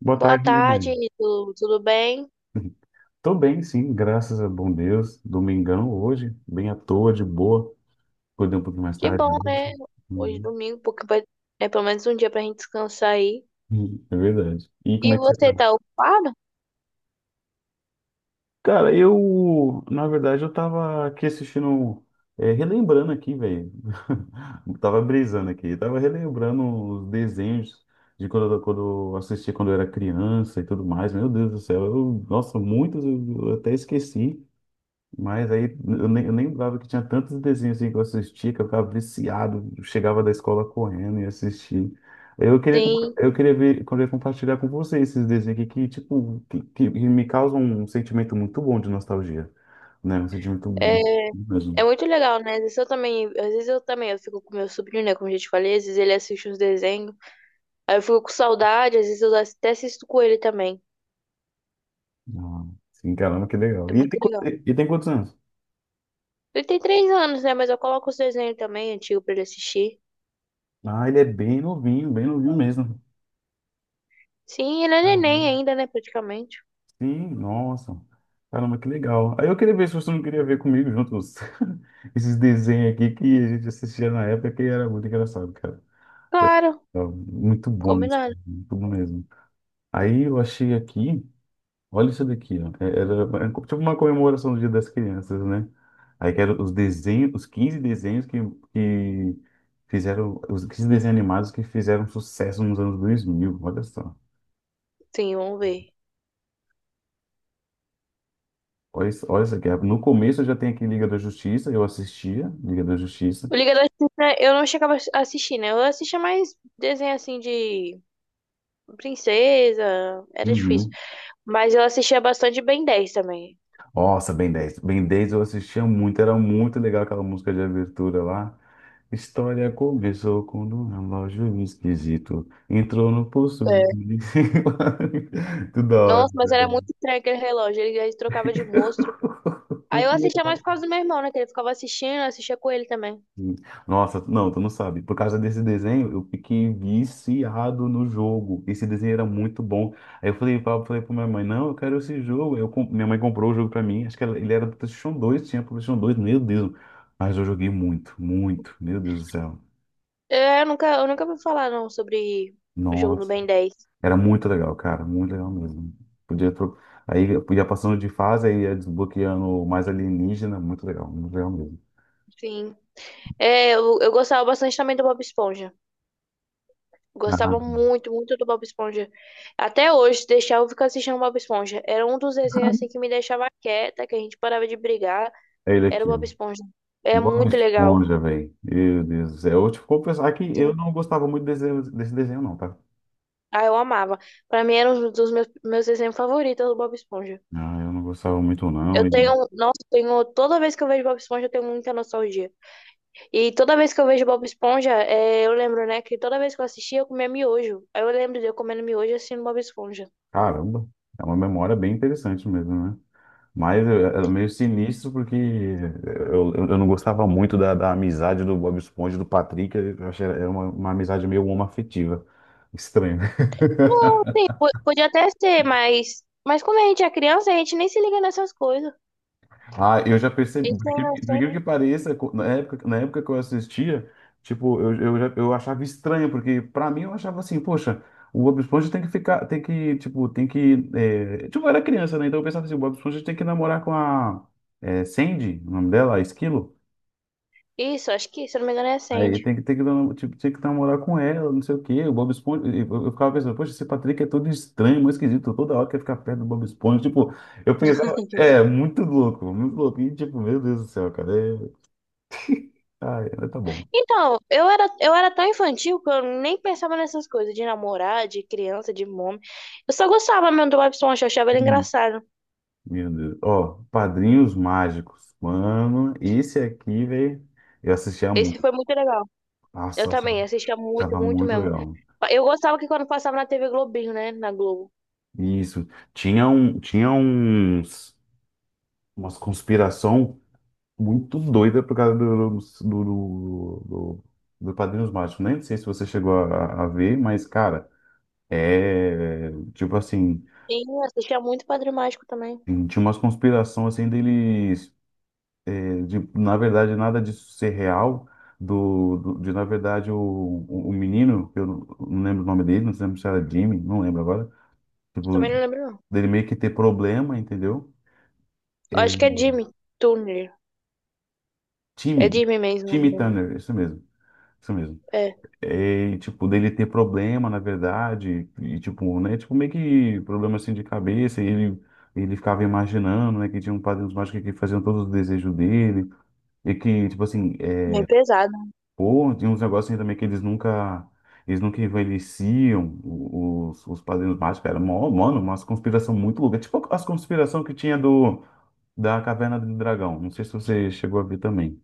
Boa Boa tarde, tarde, Milene. tudo bem? Tô bem, sim, graças a bom Deus. Domingão hoje, bem à toa, de boa. Acordei um pouquinho mais Que tarde bom, hoje. né? Hoje é Uhum. domingo, porque vai, é pelo menos um dia pra gente descansar aí. Uhum, é verdade. E E como é que você tá? você tá ocupado? Cara, eu, na verdade, eu tava aqui assistindo, relembrando aqui, velho. Tava brisando aqui, tava relembrando os desenhos de quando, quando eu assistia quando eu era criança e tudo mais. Meu Deus do céu, eu, nossa, muitos eu até esqueci. Mas aí eu nem lembrava que tinha tantos desenhos assim que eu assistia, que eu ficava viciado, chegava da escola correndo e assistia. Sim. Eu queria ver, eu queria compartilhar com você esses desenhos aqui que que me causam um sentimento muito bom de nostalgia, né? Um sentimento bom É, é mesmo. muito legal, né? Às vezes eu também, eu fico com meu sobrinho, né? Como eu já te falei, às vezes ele assiste uns desenhos. Aí eu fico com saudade, às vezes eu até assisto com ele também. Ah, sim, caramba, que legal. É E muito legal. e tem quantos anos? Ele tem 3 anos, né? Mas eu coloco os desenhos também, antigo, pra ele assistir. Ah, ele é bem novinho mesmo. Sim, ele é neném ainda, né? Praticamente. Sim, nossa. Caramba, que legal. Aí eu queria ver se você não queria ver comigo juntos esses desenhos aqui que a gente assistia na época que era muito engraçado, cara. Claro, Era muito bom, isso, combinado. muito bom mesmo. Aí eu achei aqui, olha isso daqui, ó. Era é tipo uma comemoração do Dia das Crianças, né? Aí que eram os desenhos, os 15 desenhos que fizeram, os 15 desenhos animados que fizeram sucesso nos anos 2000, olha só. Sim, vamos ver. Olha, olha essa aqui. No começo eu já tenho aqui Liga da Justiça, eu assistia Liga da Justiça. O Liga da Justiça eu não chegava a assistir, né? Eu assistia mais desenho assim de princesa, era difícil. Uhum. Mas eu assistia bastante Ben 10 também. Nossa, Ben 10. Ben 10 eu assistia muito, era muito legal aquela música de abertura lá. História começou quando um relógio esquisito entrou no pulso. É. Tudo da hora. Nossa, mas era muito estranho aquele relógio, ele trocava de monstro. Aí eu Muito assistia mais legal. por causa do meu irmão, né? Que ele ficava assistindo, eu assistia com ele também. Hum. Nossa, não, tu não sabe. Por causa desse desenho, eu fiquei viciado no jogo. Esse desenho era muito bom. Aí eu falei pra minha mãe, não, eu quero esse jogo. Minha mãe comprou o jogo pra mim. Acho que ele era do PlayStation 2, tinha pro PlayStation 2. Meu Deus. Mas eu joguei muito, muito, meu Deus do céu. É, eu nunca ouvi falar não sobre o jogo do Nossa, Ben 10. era muito legal, cara, muito legal mesmo. Podia tro... Aí eu ia passando de fase, aí ia desbloqueando mais alienígena, muito legal mesmo. Sim. É, eu gostava bastante também do Bob Esponja. Ah, Gostava muito, muito do Bob Esponja. Até hoje, se deixar eu ficar assistindo Bob Esponja. Era um dos desenhos assim que me deixava quieta, que a gente parava de brigar. é ele Era o aqui, Bob ó. Esponja. É Bob muito legal. Esponja, velho. Meu Deus do céu. Eu, tipo, vou pensar que eu Sim. não gostava muito desse desenho, não, tá? Ah, eu amava. Pra mim era um dos meus desenhos favoritos do Bob Esponja. Ah, eu não gostava muito, não. Eu E, tenho, nossa, tenho, toda vez que eu vejo Bob Esponja, eu tenho muita nostalgia. E toda vez que eu vejo Bob Esponja, é, eu lembro, né, que toda vez que eu assistia, eu comia miojo. Aí eu lembro de eu comendo miojo e assistindo Bob Esponja. caramba, é uma memória bem interessante mesmo, né? Mas é meio sinistro porque eu não gostava muito da amizade do Bob Esponja e do Patrick. Eu achei era uma amizade meio homoafetiva. Estranho. Não, sim, podia até ser, mas, como a gente é criança, a gente nem se liga nessas coisas. Ah, eu já percebi, Isso gente é por incrível que inocente. pareça, na época que eu assistia, tipo, eu achava estranho, porque pra mim eu achava assim, poxa, o Bob Esponja tem que ficar, tem que, tipo, tem que, é, tipo, eu era criança, né, então eu pensava assim, o Bob Esponja tem que namorar com a Sandy, o nome dela, a Esquilo, Isso, acho que, se eu não me engano, é aí Sandy. Tipo, tinha que namorar com ela, não sei o quê, o Bob Esponja, e eu ficava pensando, poxa, esse Patrick é todo estranho, muito esquisito, toda hora quer ficar perto do Bob Esponja, tipo, eu pensava, muito louco, e tipo, meu Deus do céu, cara, é Ah, ainda tá bom. Então, eu era tão infantil que eu nem pensava nessas coisas de namorar, de criança, de mome. Eu só gostava mesmo do Bob Esponja, eu achava ele Hum, engraçado. Meu Deus. Ó, Padrinhos Mágicos. Mano, esse aqui, velho, eu assistia Esse muito. foi muito legal. Eu Nossa, eu achava também assistia muito, achava muito muito mesmo. legal. Eu gostava que quando passava na TV Globinho, né? Na Globo. Isso. Tinha um, tinha uns, umas conspiração muito doida por causa do Padrinhos Mágicos. Nem sei se você chegou a ver, mas, cara, é tipo assim, Sim, eu assistia muito Padre Mágico também. tinha umas conspirações assim deles. De, na verdade, nada disso ser real, na verdade, o menino, que eu não lembro o nome dele, não lembro se era Jimmy, não lembro agora, Eu também tipo, não lembro, não. dele meio que ter problema, entendeu? Eu É, acho que é Jimmy Turner. É Timmy, Jimmy mesmo, Timmy né? Turner, isso mesmo, isso mesmo. É. É, e, tipo, dele ter problema, na verdade, e tipo, né, tipo, meio que problema assim de cabeça, ele ficava imaginando, né, que tinha um padrinho mágico que faziam todos os desejos dele, e que, tipo assim, é, Bem pesado. pô, tem uns negócios aí também que eles nunca. Eles nunca envelheciam, os padrinhos mágicos. Mano, umas conspiração muito louca. Tipo as conspiração que tinha do, da Caverna do Dragão. Não sei se você chegou a ver também.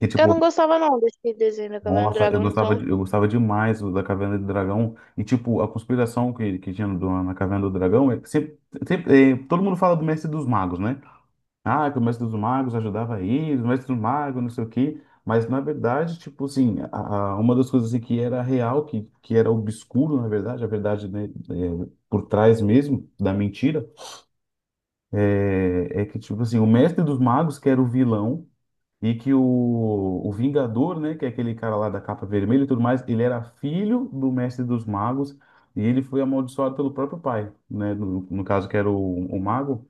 E Eu tipo, não gostava não desse desenho da Caverna do nossa, Dragão, então. Eu gostava demais da Caverna do Dragão. E tipo, a conspiração que tinha na Caverna do Dragão. É que todo mundo fala do Mestre dos Magos, né? Ah, que o mestre dos magos ajudava aí, o mestre dos magos, não sei o quê. Mas, na verdade, tipo assim, uma das coisas assim, que era real, que era obscuro, na verdade, a verdade, né, é, por trás mesmo da mentira, é que, tipo assim, o mestre dos magos, que era o vilão, e que o Vingador, né, que é aquele cara lá da capa vermelha e tudo mais, ele era filho do mestre dos magos, e ele foi amaldiçoado pelo próprio pai, né, no caso, que era o mago.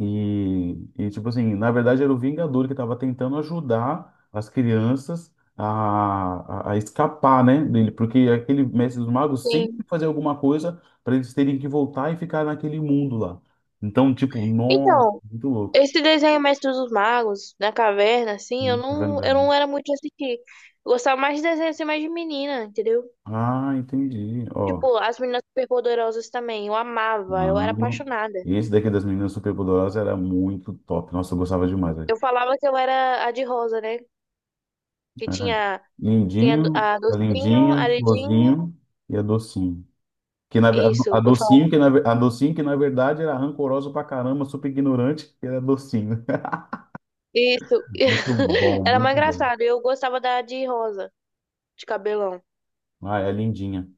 Tipo assim, na verdade era o Vingador que estava tentando ajudar as crianças a escapar, né, dele, porque aquele mestre dos magos Sim. sempre fazia alguma coisa para eles terem que voltar e ficar naquele mundo lá. Então, tipo, nossa, Então, muito louco. esse desenho Mestre dos Magos, na caverna, assim, eu não, eu Brandão. não era muito de assistir. Eu gostava mais de desenho assim, mais de menina, entendeu? Ah, entendi. Ó, Tipo, as meninas superpoderosas também, eu amava, eu era não. apaixonada. Esse daqui das meninas superpoderosas era muito top. Nossa, eu gostava demais, velho. Eu falava que eu era a de rosa, né? Que É. tinha Lindinho, a a docinho, a lindinha, Lidinho, florzinho e a docinho. Que na, ver- a isso, eu falava, docinho, que na, ver- a docinho, que na verdade era rancorosa pra caramba, super ignorante, que era docinho. isso. Muito bom, Era mais muito bom. engraçado, eu gostava da de rosa, de cabelão. Ah, é lindinha.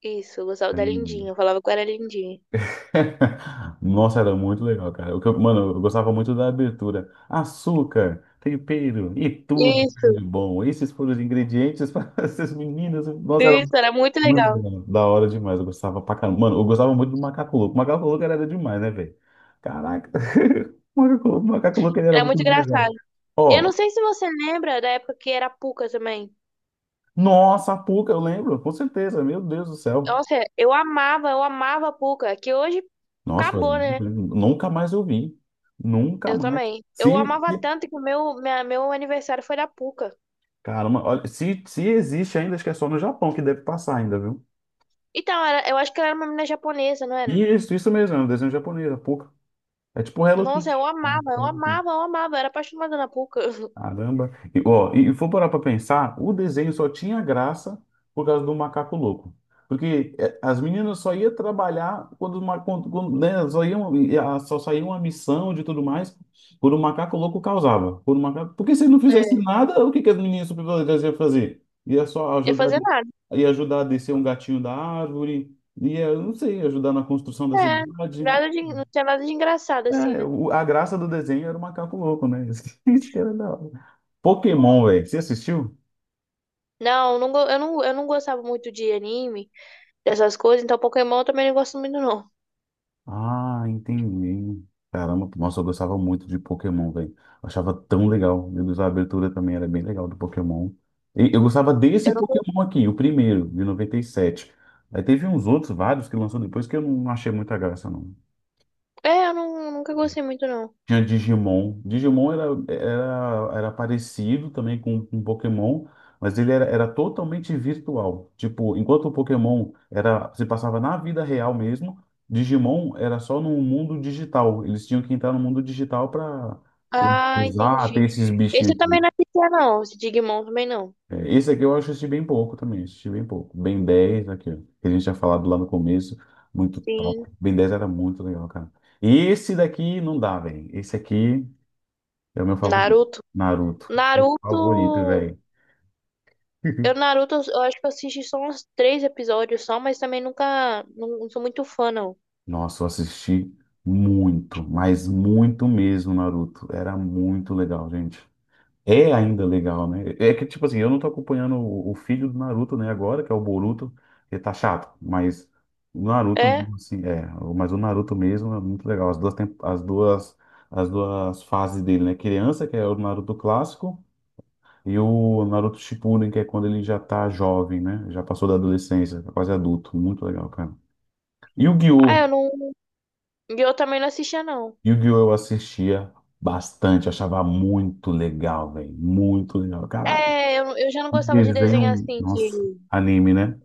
Isso, eu gostava É da lindinha. Lindinha, eu falava que eu era Lindinha. Nossa, era muito legal, cara. O que mano, eu gostava muito da abertura. Açúcar, tempero e tudo de Isso, bom. Esses foram os ingredientes para essas meninas. Nossa, era isso, era muito muito legal. legal. Da hora demais. Eu gostava pra caramba. Mano, eu gostava muito do Macaco Louco. O Macaco Louco era demais, né, velho? Caraca. O Macaco Louco, ele era Era muito muito brilhante. engraçado. Eu Ó, não sei se você lembra da época que era Puca também. nossa, a Puca, eu lembro, com certeza. Meu Deus do céu. Nossa, eu amava a Puca, que hoje Nossa, faz acabou, muito né? tempo. Nunca mais eu vi. Nunca Eu mais. também. Eu Se, amava se- tanto que meu aniversário foi da Puca. Caramba, olha, se existe ainda, acho que é só no Japão que deve passar ainda, viu? Então, era, eu acho que ela era uma menina japonesa, não era? Isso mesmo, é um desenho japonês, a Puca. É tipo Hello Nossa, eu Kitty. amava, eu amava, eu amava. Eu era apaixonada na Puca. Caramba. E for parar para pensar, o desenho só tinha graça por causa do macaco louco. Porque eh, as meninas só iam trabalhar quando, os ma- quando, quando, né, só iam, e a- só saía uma missão de tudo mais por um macaco louco causava. Por um macaco... Porque se não fizesse É, nada, o que as meninas superpoderosas iam fazer? Ia só ia ajudar, fazer nada. Ia ajudar a descer um gatinho da árvore, ia, não sei, ajudar na construção da É, cidade. nada de, não tinha nada de engraçado, assim, É, né? A graça do desenho era o macaco louco, né? Isso que era da hora. Pokémon, velho. Você assistiu? Não, não, eu não gostava muito de anime, dessas coisas, então Pokémon eu também não gosto muito, não. Ah, entendi. Caramba, nossa, eu gostava muito de Pokémon, velho. Eu achava tão legal. Meu Deus, a abertura também era bem legal do Pokémon. E eu gostava desse Eu não, Pokémon aqui, o primeiro, de 97. Aí teve uns outros, vários, que lançou depois que eu não achei muita graça, não. eu não, nunca gostei muito, não. Tinha Digimon. Digimon era parecido também com Pokémon, mas era totalmente virtual. Tipo, enquanto o Pokémon era, se passava na vida real mesmo, Digimon era só no mundo digital. Eles tinham que entrar no mundo digital para Ah, usar, ter entendi. esses Esse bichinhos eu também aqui. não assistia, não. Esse Digimon também não. É, esse aqui eu assisti bem pouco também, assisti bem pouco. Ben 10 aqui, ó, que a gente tinha falado lá no começo, muito Sim. top. Ben 10 era muito legal, cara. E esse daqui não dá, velho. Esse aqui. É o meu favorito. Naruto. Naruto. Meu Naruto. favorito, velho. Eu, Naruto, eu acho que eu assisti só uns três episódios só, mas também nunca. Não, não sou muito fã, não. Nossa, eu assisti muito, mas muito mesmo, Naruto. Era muito legal, gente. É ainda legal, né? É que, tipo assim, eu não tô acompanhando o filho do Naruto, né, agora, que é o Boruto, que tá chato, mas o Naruto, É? mesmo, assim, é. Mas o Naruto mesmo é muito legal. As duas, tem- as duas fases dele, né? Criança, que é o Naruto clássico, e o Naruto Shippuden, que é quando ele já tá jovem, né? Já passou da adolescência, tá quase adulto. Muito legal, cara. E o Ah, Yu-Gi-Oh! eu não. E eu também não assistia, não. Yu-Gi-Oh! Eu assistia bastante, achava muito legal, velho. Muito legal. Caraca, É, eu já não que gostava de desenho desenho. assim, Nossa, de. anime, né?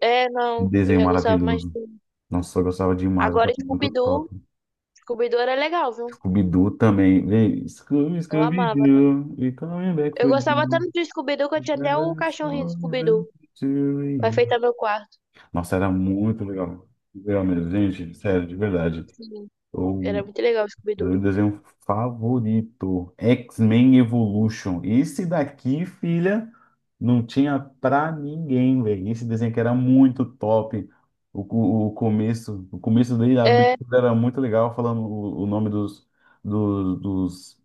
É, Que não. Eu desenho já gostava mais maravilhoso. de. Nossa, eu gostava demais, eu Agora, achava muito Scooby-Doo. top. Scooby-Doo era legal, viu? Scooby-Doo também. Vem Scooby, Eu amava. Scooby-Doo, we coming back Eu for gostava you. tanto de Scooby-Doo que eu We tinha got até o a cachorrinho do song left Scooby-Doo pra to enfeitar meu quarto. Nossa, era muito legal. Legal mesmo, gente, sério, de verdade. Sim, era Eu, muito legal o era Scooby-Doo. o desenho favorito, X-Men Evolution. Esse daqui, filha, não tinha pra ninguém, velho. Esse desenho que era muito top. O começo dele, a É, abertura era muito legal, falando o nome dos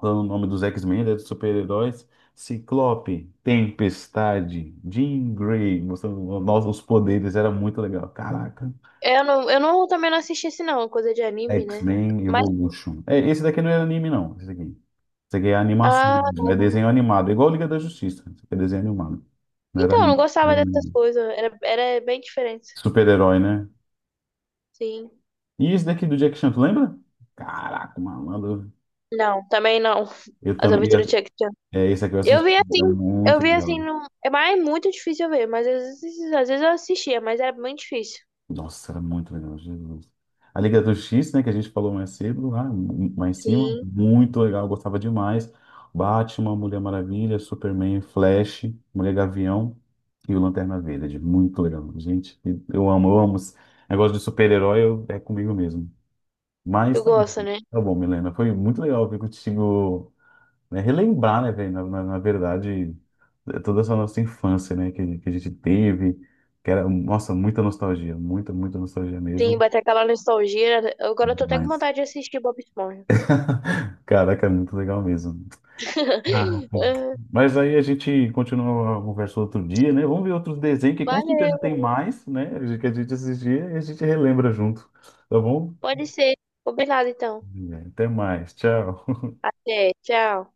falando o nome dos X-Men, né, dos super-heróis. Ciclope, Tempestade, Jean Grey, mostrando nós os poderes, era muito legal. Caraca. eu não, também não assisti esse não, coisa de anime, né? X-Men Mas, Evolution. É, esse daqui não é anime, não. Esse daqui. Esse aqui é animação, ah, mesmo, é não. desenho animado. É igual Liga da Justiça. Isso aqui é desenho animado. Não era Então, eu não anime. Não gostava era dessas anime. coisas. Era bem diferente. Super-herói, né? Sim. E esse daqui do Jack Chan, tu lembra? Caraca, malandro. Não, também não. Eu As também. aventuras de Jackie Chan. É, esse aqui eu Eu assisti. vi assim, Era eu muito vi assim, legal. não. É mais é muito difícil eu ver, mas às vezes eu assistia, mas era muito difícil. Nossa, era muito legal, Jesus. A Liga do X, né, que a gente falou mais cedo, lá, mais em cima, Sim, muito legal, eu gostava demais. Batman, Mulher Maravilha, Superman, Flash, Mulher Gavião e o Lanterna Verde. Muito legal, gente. Eu amo, eu amo. Esse negócio de super-herói é comigo mesmo. Mas tu gosta, né? tá bom, Milena. Foi muito legal ver contigo, né, relembrar, né, velho, na verdade, eh, toda essa nossa infância, né, que a gente teve, que era, nossa, muita nostalgia, muita, muita nostalgia Sim, mesmo, bater aquela nostalgia, né? Agora eu tô até com mas, vontade de assistir Bob Esponja. caraca, é muito legal mesmo. Ah, mas aí a gente continua a conversa outro dia, né, vamos ver outros desenhos, que com certeza Valeu, tem mais, né, que a gente assistia e a gente relembra junto, tá bom? pode ser. Combinado então. Até mais, tchau. Até, tchau.